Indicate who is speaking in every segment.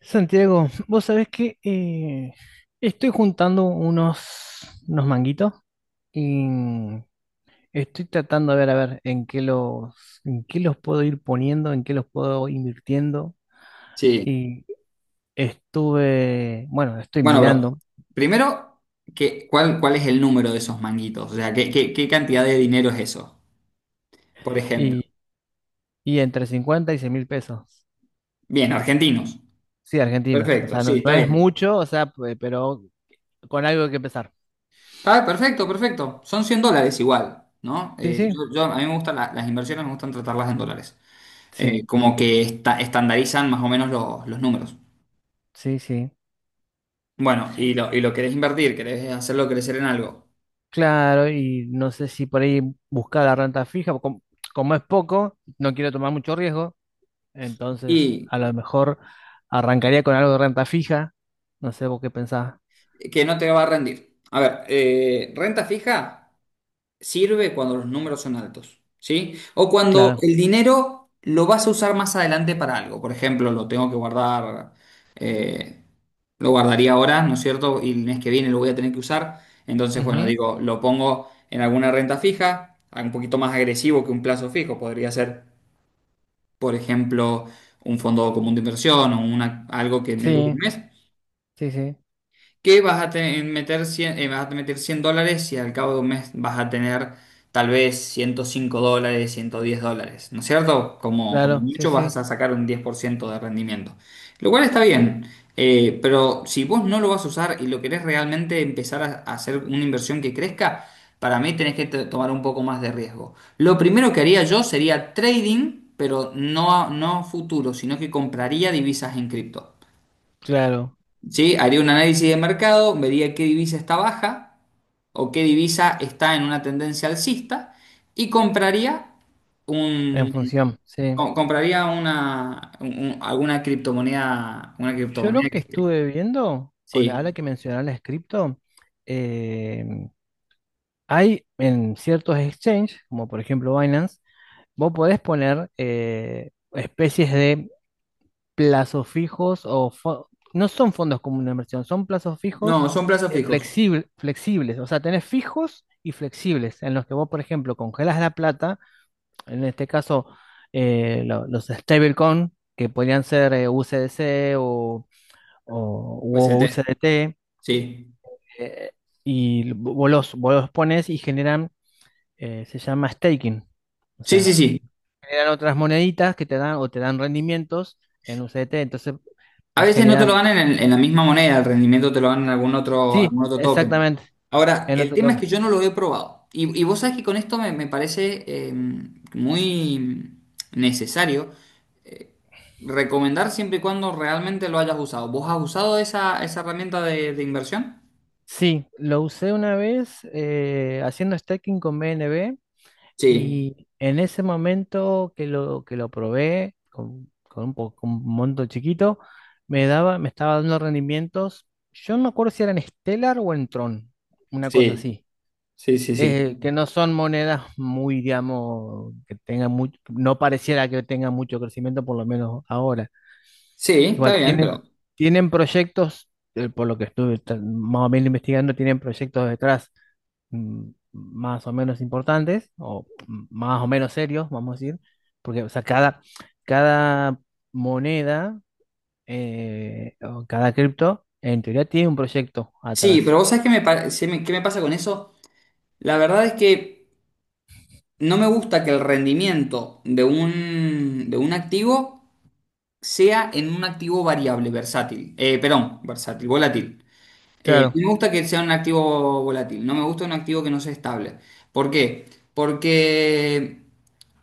Speaker 1: Santiago, vos sabés que estoy juntando unos manguitos y estoy tratando de ver, a ver, en qué los puedo ir poniendo, en qué los puedo invirtiendo.
Speaker 2: Sí.
Speaker 1: Y bueno, estoy
Speaker 2: Bueno, bro,
Speaker 1: mirando
Speaker 2: primero, ¿ cuál es el número de esos manguitos? O sea, ¿ qué cantidad de dinero es eso? Por ejemplo.
Speaker 1: y, y entre 50 y 100 mil pesos.
Speaker 2: Bien, argentinos.
Speaker 1: Sí, argentinos. O
Speaker 2: Perfecto,
Speaker 1: sea, no,
Speaker 2: sí,
Speaker 1: no
Speaker 2: está
Speaker 1: es
Speaker 2: bien.
Speaker 1: mucho, o sea, pero con algo que empezar.
Speaker 2: Está perfecto, perfecto. Son $100 igual, ¿no?
Speaker 1: Sí, sí,
Speaker 2: A mí me gustan las inversiones, me gustan tratarlas en dólares.
Speaker 1: sí,
Speaker 2: Como que estandarizan más o menos los números.
Speaker 1: sí, sí.
Speaker 2: Bueno, y lo querés invertir, querés hacerlo crecer en algo.
Speaker 1: Claro, y no sé si por ahí buscar la renta fija, como es poco, no quiero tomar mucho riesgo, entonces
Speaker 2: Y
Speaker 1: a lo mejor arrancaría con algo de renta fija, no sé vos qué pensás,
Speaker 2: que no te va a rendir. A ver, renta fija sirve cuando los números son altos, ¿sí? O cuando
Speaker 1: claro.
Speaker 2: el dinero lo vas a usar más adelante para algo. Por ejemplo, lo tengo que guardar, eh, lo guardaría ahora, ¿no es cierto? Y el mes que viene lo voy a tener que usar. Entonces, bueno,
Speaker 1: Ujú.
Speaker 2: digo, lo pongo en alguna renta fija, un poquito más agresivo que un plazo fijo. Podría ser, por ejemplo, un fondo común de inversión o una, algo que me dure un
Speaker 1: Sí,
Speaker 2: mes
Speaker 1: sí, sí,
Speaker 2: que meter 100, vas a meter $100 y al cabo de un mes vas a tener tal vez $105, $110, ¿no es cierto? Como, como
Speaker 1: claro, sí,
Speaker 2: mucho vas
Speaker 1: sí,
Speaker 2: a sacar un 10% de rendimiento, lo cual está bien, pero si vos no lo vas a usar y lo querés realmente empezar a hacer una inversión que crezca, para mí tenés que tomar un poco más de riesgo. Lo primero que haría yo sería trading, pero no, no a futuro, sino que compraría divisas en cripto.
Speaker 1: claro,
Speaker 2: Sí, haría un análisis de mercado, vería qué divisa está baja o qué divisa está en una tendencia alcista y compraría
Speaker 1: en
Speaker 2: un
Speaker 1: función, sí.
Speaker 2: compraría alguna criptomoneda, una
Speaker 1: Yo
Speaker 2: criptomoneda
Speaker 1: lo
Speaker 2: que
Speaker 1: que
Speaker 2: esté.
Speaker 1: estuve viendo, con
Speaker 2: Sí.
Speaker 1: ahora que mencionar las cripto, eh, hay en ciertos exchanges, como por ejemplo Binance, vos podés poner especies de plazos fijos o no son fondos comunes de inversión, son plazos fijos
Speaker 2: No, son plazos fijos.
Speaker 1: flexibles. O sea, tenés fijos y flexibles en los que vos, por ejemplo, congelas la plata, en este caso los stablecoin, que podrían ser USDC o u
Speaker 2: UST.
Speaker 1: USDT,
Speaker 2: Sí.
Speaker 1: eh, y vos los pones y generan, se llama staking. O
Speaker 2: Sí, sí,
Speaker 1: sea,
Speaker 2: sí.
Speaker 1: generan otras moneditas que te dan o te dan rendimientos en USDT. Entonces,
Speaker 2: A
Speaker 1: va
Speaker 2: veces no te lo
Speaker 1: generando.
Speaker 2: ganan en la misma moneda, el rendimiento te lo ganan en
Speaker 1: Sí,
Speaker 2: algún otro token.
Speaker 1: exactamente.
Speaker 2: Ahora,
Speaker 1: En
Speaker 2: el
Speaker 1: otro
Speaker 2: tema es
Speaker 1: toque.
Speaker 2: que yo no lo he probado. Y vos sabés que con esto me, me parece muy necesario eh, recomendar siempre y cuando realmente lo hayas usado. ¿Vos has usado esa, esa herramienta de inversión?
Speaker 1: Sí, lo usé una vez haciendo stacking con BNB
Speaker 2: Sí,
Speaker 1: y en ese momento que lo probé con un monto chiquito, me estaba dando rendimientos. Yo no me acuerdo si eran Stellar o en Tron, una cosa
Speaker 2: sí,
Speaker 1: así.
Speaker 2: sí, sí, sí.
Speaker 1: Que no son monedas muy, digamos, que tengan mucho, no pareciera que tengan mucho crecimiento, por lo menos ahora.
Speaker 2: Sí, está
Speaker 1: Igual
Speaker 2: bien,
Speaker 1: tienen,
Speaker 2: pero...
Speaker 1: tienen proyectos, por lo que estuve más o menos investigando, tienen proyectos detrás más o menos importantes, o más o menos serios, vamos a decir, porque o sea, cada moneda o cada cripto, en teoría, tiene un proyecto
Speaker 2: Sí,
Speaker 1: atrás.
Speaker 2: pero vos sabés que me, qué me pasa con eso. La verdad es que... No me gusta que el rendimiento de un activo sea en un activo variable, versátil. Perdón, versátil, volátil.
Speaker 1: Claro.
Speaker 2: No me gusta que sea un activo volátil. No me gusta un activo que no sea estable. ¿Por qué? Porque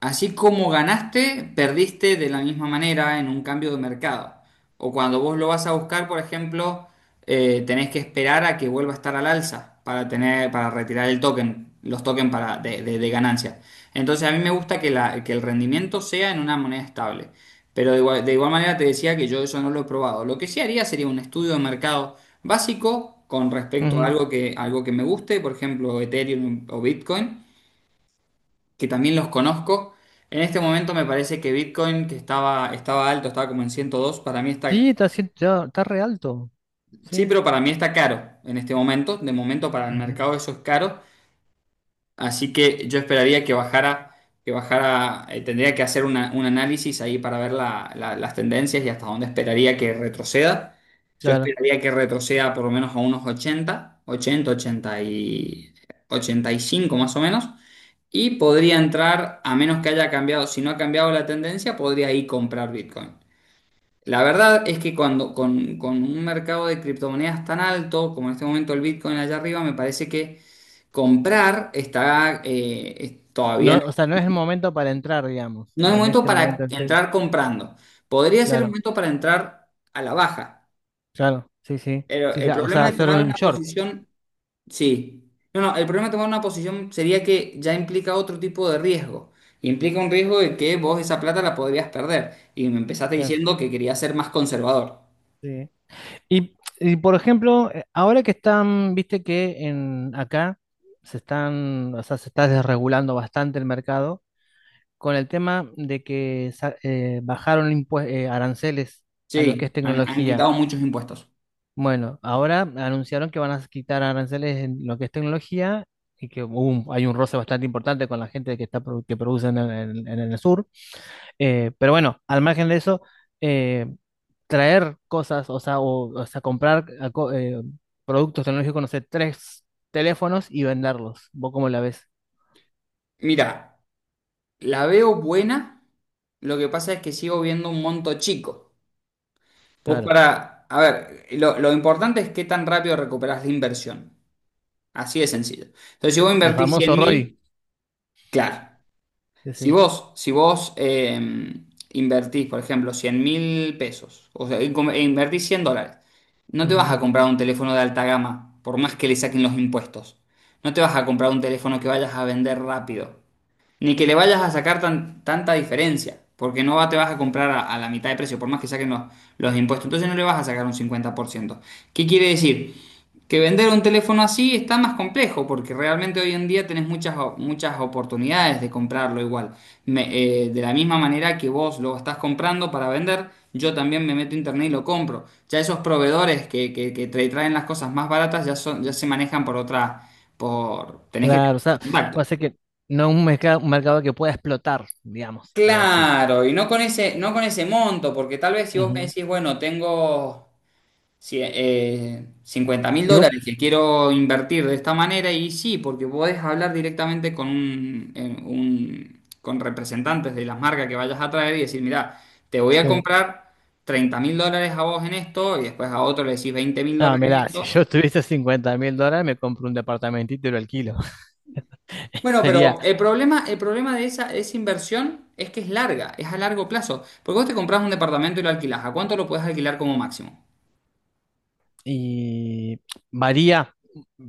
Speaker 2: así como ganaste, perdiste de la misma manera en un cambio de mercado. O cuando vos lo vas a buscar, por ejemplo, tenés que esperar a que vuelva a estar al alza para tener, para retirar el token, los tokens para, de ganancia. Entonces a mí me gusta que el rendimiento sea en una moneda estable. Pero de igual manera te decía que yo eso no lo he probado. Lo que sí haría sería un estudio de mercado básico con respecto a
Speaker 1: Ujú.
Speaker 2: algo que me guste, por ejemplo, Ethereum o Bitcoin, que también los conozco. En este momento me parece que Bitcoin, que estaba, estaba alto, estaba como en 102, para mí está,
Speaker 1: Sí, está re alto.
Speaker 2: sí,
Speaker 1: Sí.
Speaker 2: pero para mí está caro en este momento. De momento para el
Speaker 1: Ujú.
Speaker 2: mercado eso es caro. Así que yo esperaría que bajara, tendría que hacer un análisis ahí para ver las tendencias y hasta dónde esperaría que retroceda. Yo
Speaker 1: Claro.
Speaker 2: esperaría que retroceda por lo menos a unos 80, 80, 80 y 85 más o menos. Y podría entrar, a menos que haya cambiado, si no ha cambiado la tendencia, podría ahí comprar Bitcoin. La verdad es que cuando con un mercado de criptomonedas tan alto como en este momento el Bitcoin allá arriba, me parece que comprar está todavía no,
Speaker 1: No, o sea, no es el momento para entrar, digamos,
Speaker 2: no es
Speaker 1: en
Speaker 2: momento
Speaker 1: este momento
Speaker 2: para
Speaker 1: en que,
Speaker 2: entrar comprando. Podría ser el
Speaker 1: claro.
Speaker 2: momento para entrar a la baja,
Speaker 1: Claro, sí, sí.
Speaker 2: pero
Speaker 1: Sí, sí,
Speaker 2: el
Speaker 1: ah, o sea,
Speaker 2: problema de
Speaker 1: hacer
Speaker 2: tomar
Speaker 1: un
Speaker 2: una
Speaker 1: short.
Speaker 2: posición. Sí. No, no, el problema de tomar una posición sería que ya implica otro tipo de riesgo. Implica un riesgo de que vos esa plata la podrías perder. Y me empezaste
Speaker 1: Claro,
Speaker 2: diciendo que querías ser más conservador.
Speaker 1: sí. Y, y, por ejemplo, ahora que están, viste que en acá se están, o sea, se está desregulando bastante el mercado con el tema de que bajaron aranceles a lo que
Speaker 2: Sí,
Speaker 1: es
Speaker 2: han, han
Speaker 1: tecnología.
Speaker 2: quitado muchos impuestos.
Speaker 1: Bueno, ahora anunciaron que van a quitar aranceles en lo que es tecnología y que hay un roce bastante importante con la gente que está que produce en el sur. Pero bueno, al margen de eso, eh, traer cosas, o sea, o sea, comprar productos tecnológicos, no sé, tres teléfonos y venderlos. ¿Vos cómo la ves?
Speaker 2: Mira, la veo buena. Lo que pasa es que sigo viendo un monto chico. Pues
Speaker 1: Claro.
Speaker 2: para, a ver, lo importante es qué tan rápido recuperas la inversión. Así de sencillo. Entonces, si vos
Speaker 1: El
Speaker 2: invertís cien
Speaker 1: famoso Roy.
Speaker 2: mil, claro.
Speaker 1: Sí,
Speaker 2: Si
Speaker 1: sí.
Speaker 2: vos, invertís, por ejemplo, 100.000 pesos, o sea, invertís $100, no te vas
Speaker 1: Ujú.
Speaker 2: a comprar un teléfono de alta gama, por más que le saquen los impuestos. No te vas a comprar un teléfono que vayas a vender rápido. Ni que le vayas a sacar tanta diferencia, porque no va- te vas a comprar a la mitad de precio, por más que saquen los impuestos. Entonces no le vas a sacar un 50%. ¿Qué quiere decir? Que vender un teléfono así está más complejo, porque realmente hoy en día tenés muchas, muchas oportunidades de comprarlo igual. Me- de la misma manera que vos lo estás comprando para vender, yo también me meto a internet y lo compro. Ya esos proveedores que te traen las cosas más baratas ya, son, ya se manejan por otra, por... tenés que
Speaker 1: Claro, o sea,
Speaker 2: tener
Speaker 1: va a ser que no un mercado que pueda explotar, digamos, algo así.
Speaker 2: claro, y no con ese, no con ese monto, porque tal vez si vos me
Speaker 1: Ujú.
Speaker 2: decís, bueno, tengo cincuenta mil
Speaker 1: ¿Y vos?
Speaker 2: dólares que quiero invertir de esta manera, y sí, porque podés hablar directamente con un, con representantes de las marcas que vayas a traer y decir, mirá, te voy a
Speaker 1: Sí.
Speaker 2: comprar $30.000 a vos en esto, y después a otro le decís veinte mil
Speaker 1: No,
Speaker 2: dólares en
Speaker 1: mirá, si
Speaker 2: esto.
Speaker 1: yo tuviese 50.000 dólares, me compro un departamentito y lo alquilo.
Speaker 2: Bueno,
Speaker 1: Sería.
Speaker 2: pero el problema de esa, esa inversión es que es larga, es a largo plazo. Porque vos te compras un departamento y lo alquilás. ¿A cuánto lo puedes alquilar como máximo?
Speaker 1: Y varía,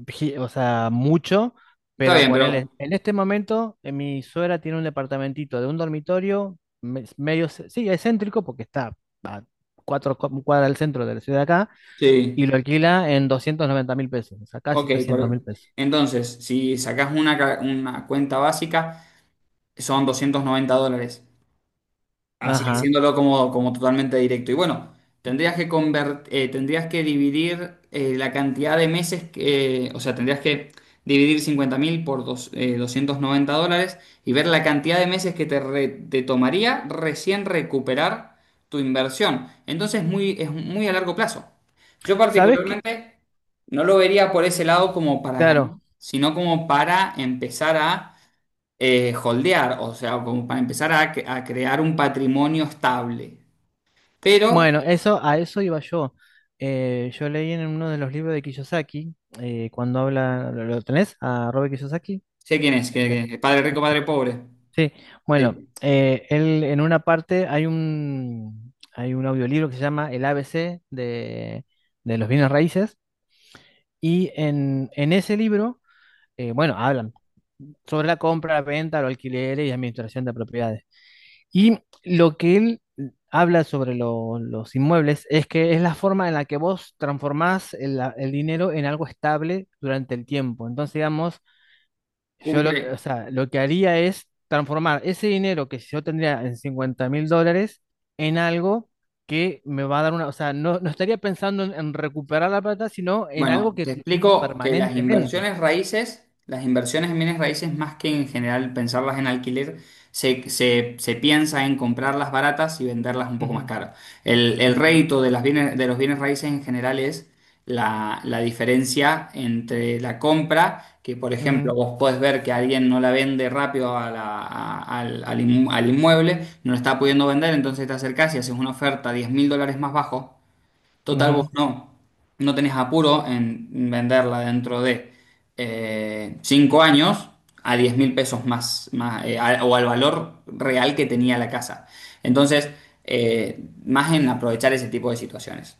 Speaker 1: o sea, mucho,
Speaker 2: Está
Speaker 1: pero
Speaker 2: bien,
Speaker 1: ponele,
Speaker 2: pero...
Speaker 1: en este momento mi suegra tiene un departamentito de un dormitorio, sí, es céntrico porque está cuatro cuadras del centro de la ciudad acá, y lo
Speaker 2: Sí,
Speaker 1: alquila en 290.000 pesos, o sea, casi
Speaker 2: ok.
Speaker 1: 300.000
Speaker 2: por-
Speaker 1: pesos.
Speaker 2: Entonces, si sacás una, una cuenta básica, son $290. Así que
Speaker 1: Ajá.
Speaker 2: siéndolo como, como totalmente directo. Y bueno, tendrías que dividir la cantidad de meses que, o sea, tendrías que dividir 50.000 por 290 dólares y ver la cantidad de meses que te, te tomaría recién recuperar tu inversión. Entonces muy, es muy a largo plazo. Yo
Speaker 1: ¿Sabes qué?
Speaker 2: particularmente no lo vería por ese lado como para ganar,
Speaker 1: Claro,
Speaker 2: sino como para empezar a holdear, o sea, como para empezar a, a crear un patrimonio estable. Pero,
Speaker 1: bueno, a eso iba yo. Yo leí en uno de los libros de Kiyosaki, cuando habla, ¿lo tenés? A Robert Kiyosaki.
Speaker 2: sé quién es,
Speaker 1: de-
Speaker 2: padre rico, padre pobre.
Speaker 1: Sí, bueno,
Speaker 2: Sí,
Speaker 1: él en una parte hay un audiolibro que se llama El ABC de los bienes raíces y en ese libro, bueno, hablan sobre la compra, la venta, los alquileres y administración de propiedades. Y lo que él habla sobre los inmuebles es que es la forma en la que vos transformás el dinero en algo estable durante el tiempo. Entonces, digamos,
Speaker 2: cumple.
Speaker 1: o sea, lo que haría es transformar ese dinero que yo tendría en 50.000 dólares en algo que me va a dar una, o sea, no, no estaría pensando en recuperar la plata, sino en
Speaker 2: Bueno,
Speaker 1: algo que
Speaker 2: te
Speaker 1: lo tengo
Speaker 2: explico que las
Speaker 1: permanentemente.
Speaker 2: inversiones raíces, las inversiones en bienes raíces, más que en general pensarlas en alquiler, se piensa en comprarlas baratas y venderlas un poco más
Speaker 1: Ujú,
Speaker 2: caras. El
Speaker 1: ujú,
Speaker 2: rédito de las bienes, de los bienes raíces en general es la, la diferencia entre la compra, que por ejemplo vos podés ver que alguien no la vende rápido a al al inmueble, no la está pudiendo vender, entonces te acercás y haces una oferta $10.000 más bajo.
Speaker 1: ujú,
Speaker 2: Total, vos
Speaker 1: ujú.
Speaker 2: no, no tenés apuro en venderla dentro de 5 años a 10.000 pesos más, más o al valor real que tenía la casa. Entonces, eh, más en aprovechar ese tipo de situaciones.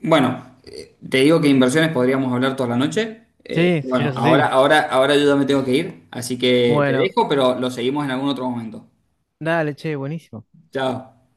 Speaker 2: Bueno, te digo que inversiones podríamos hablar toda la noche.
Speaker 1: Sí, sí,
Speaker 2: Bueno,
Speaker 1: eso sí.
Speaker 2: ahora, ahora, ahora yo ya me tengo que ir, así que te
Speaker 1: Bueno,
Speaker 2: dejo, pero lo seguimos en algún otro momento.
Speaker 1: dale, che, buenísimo.
Speaker 2: Chao.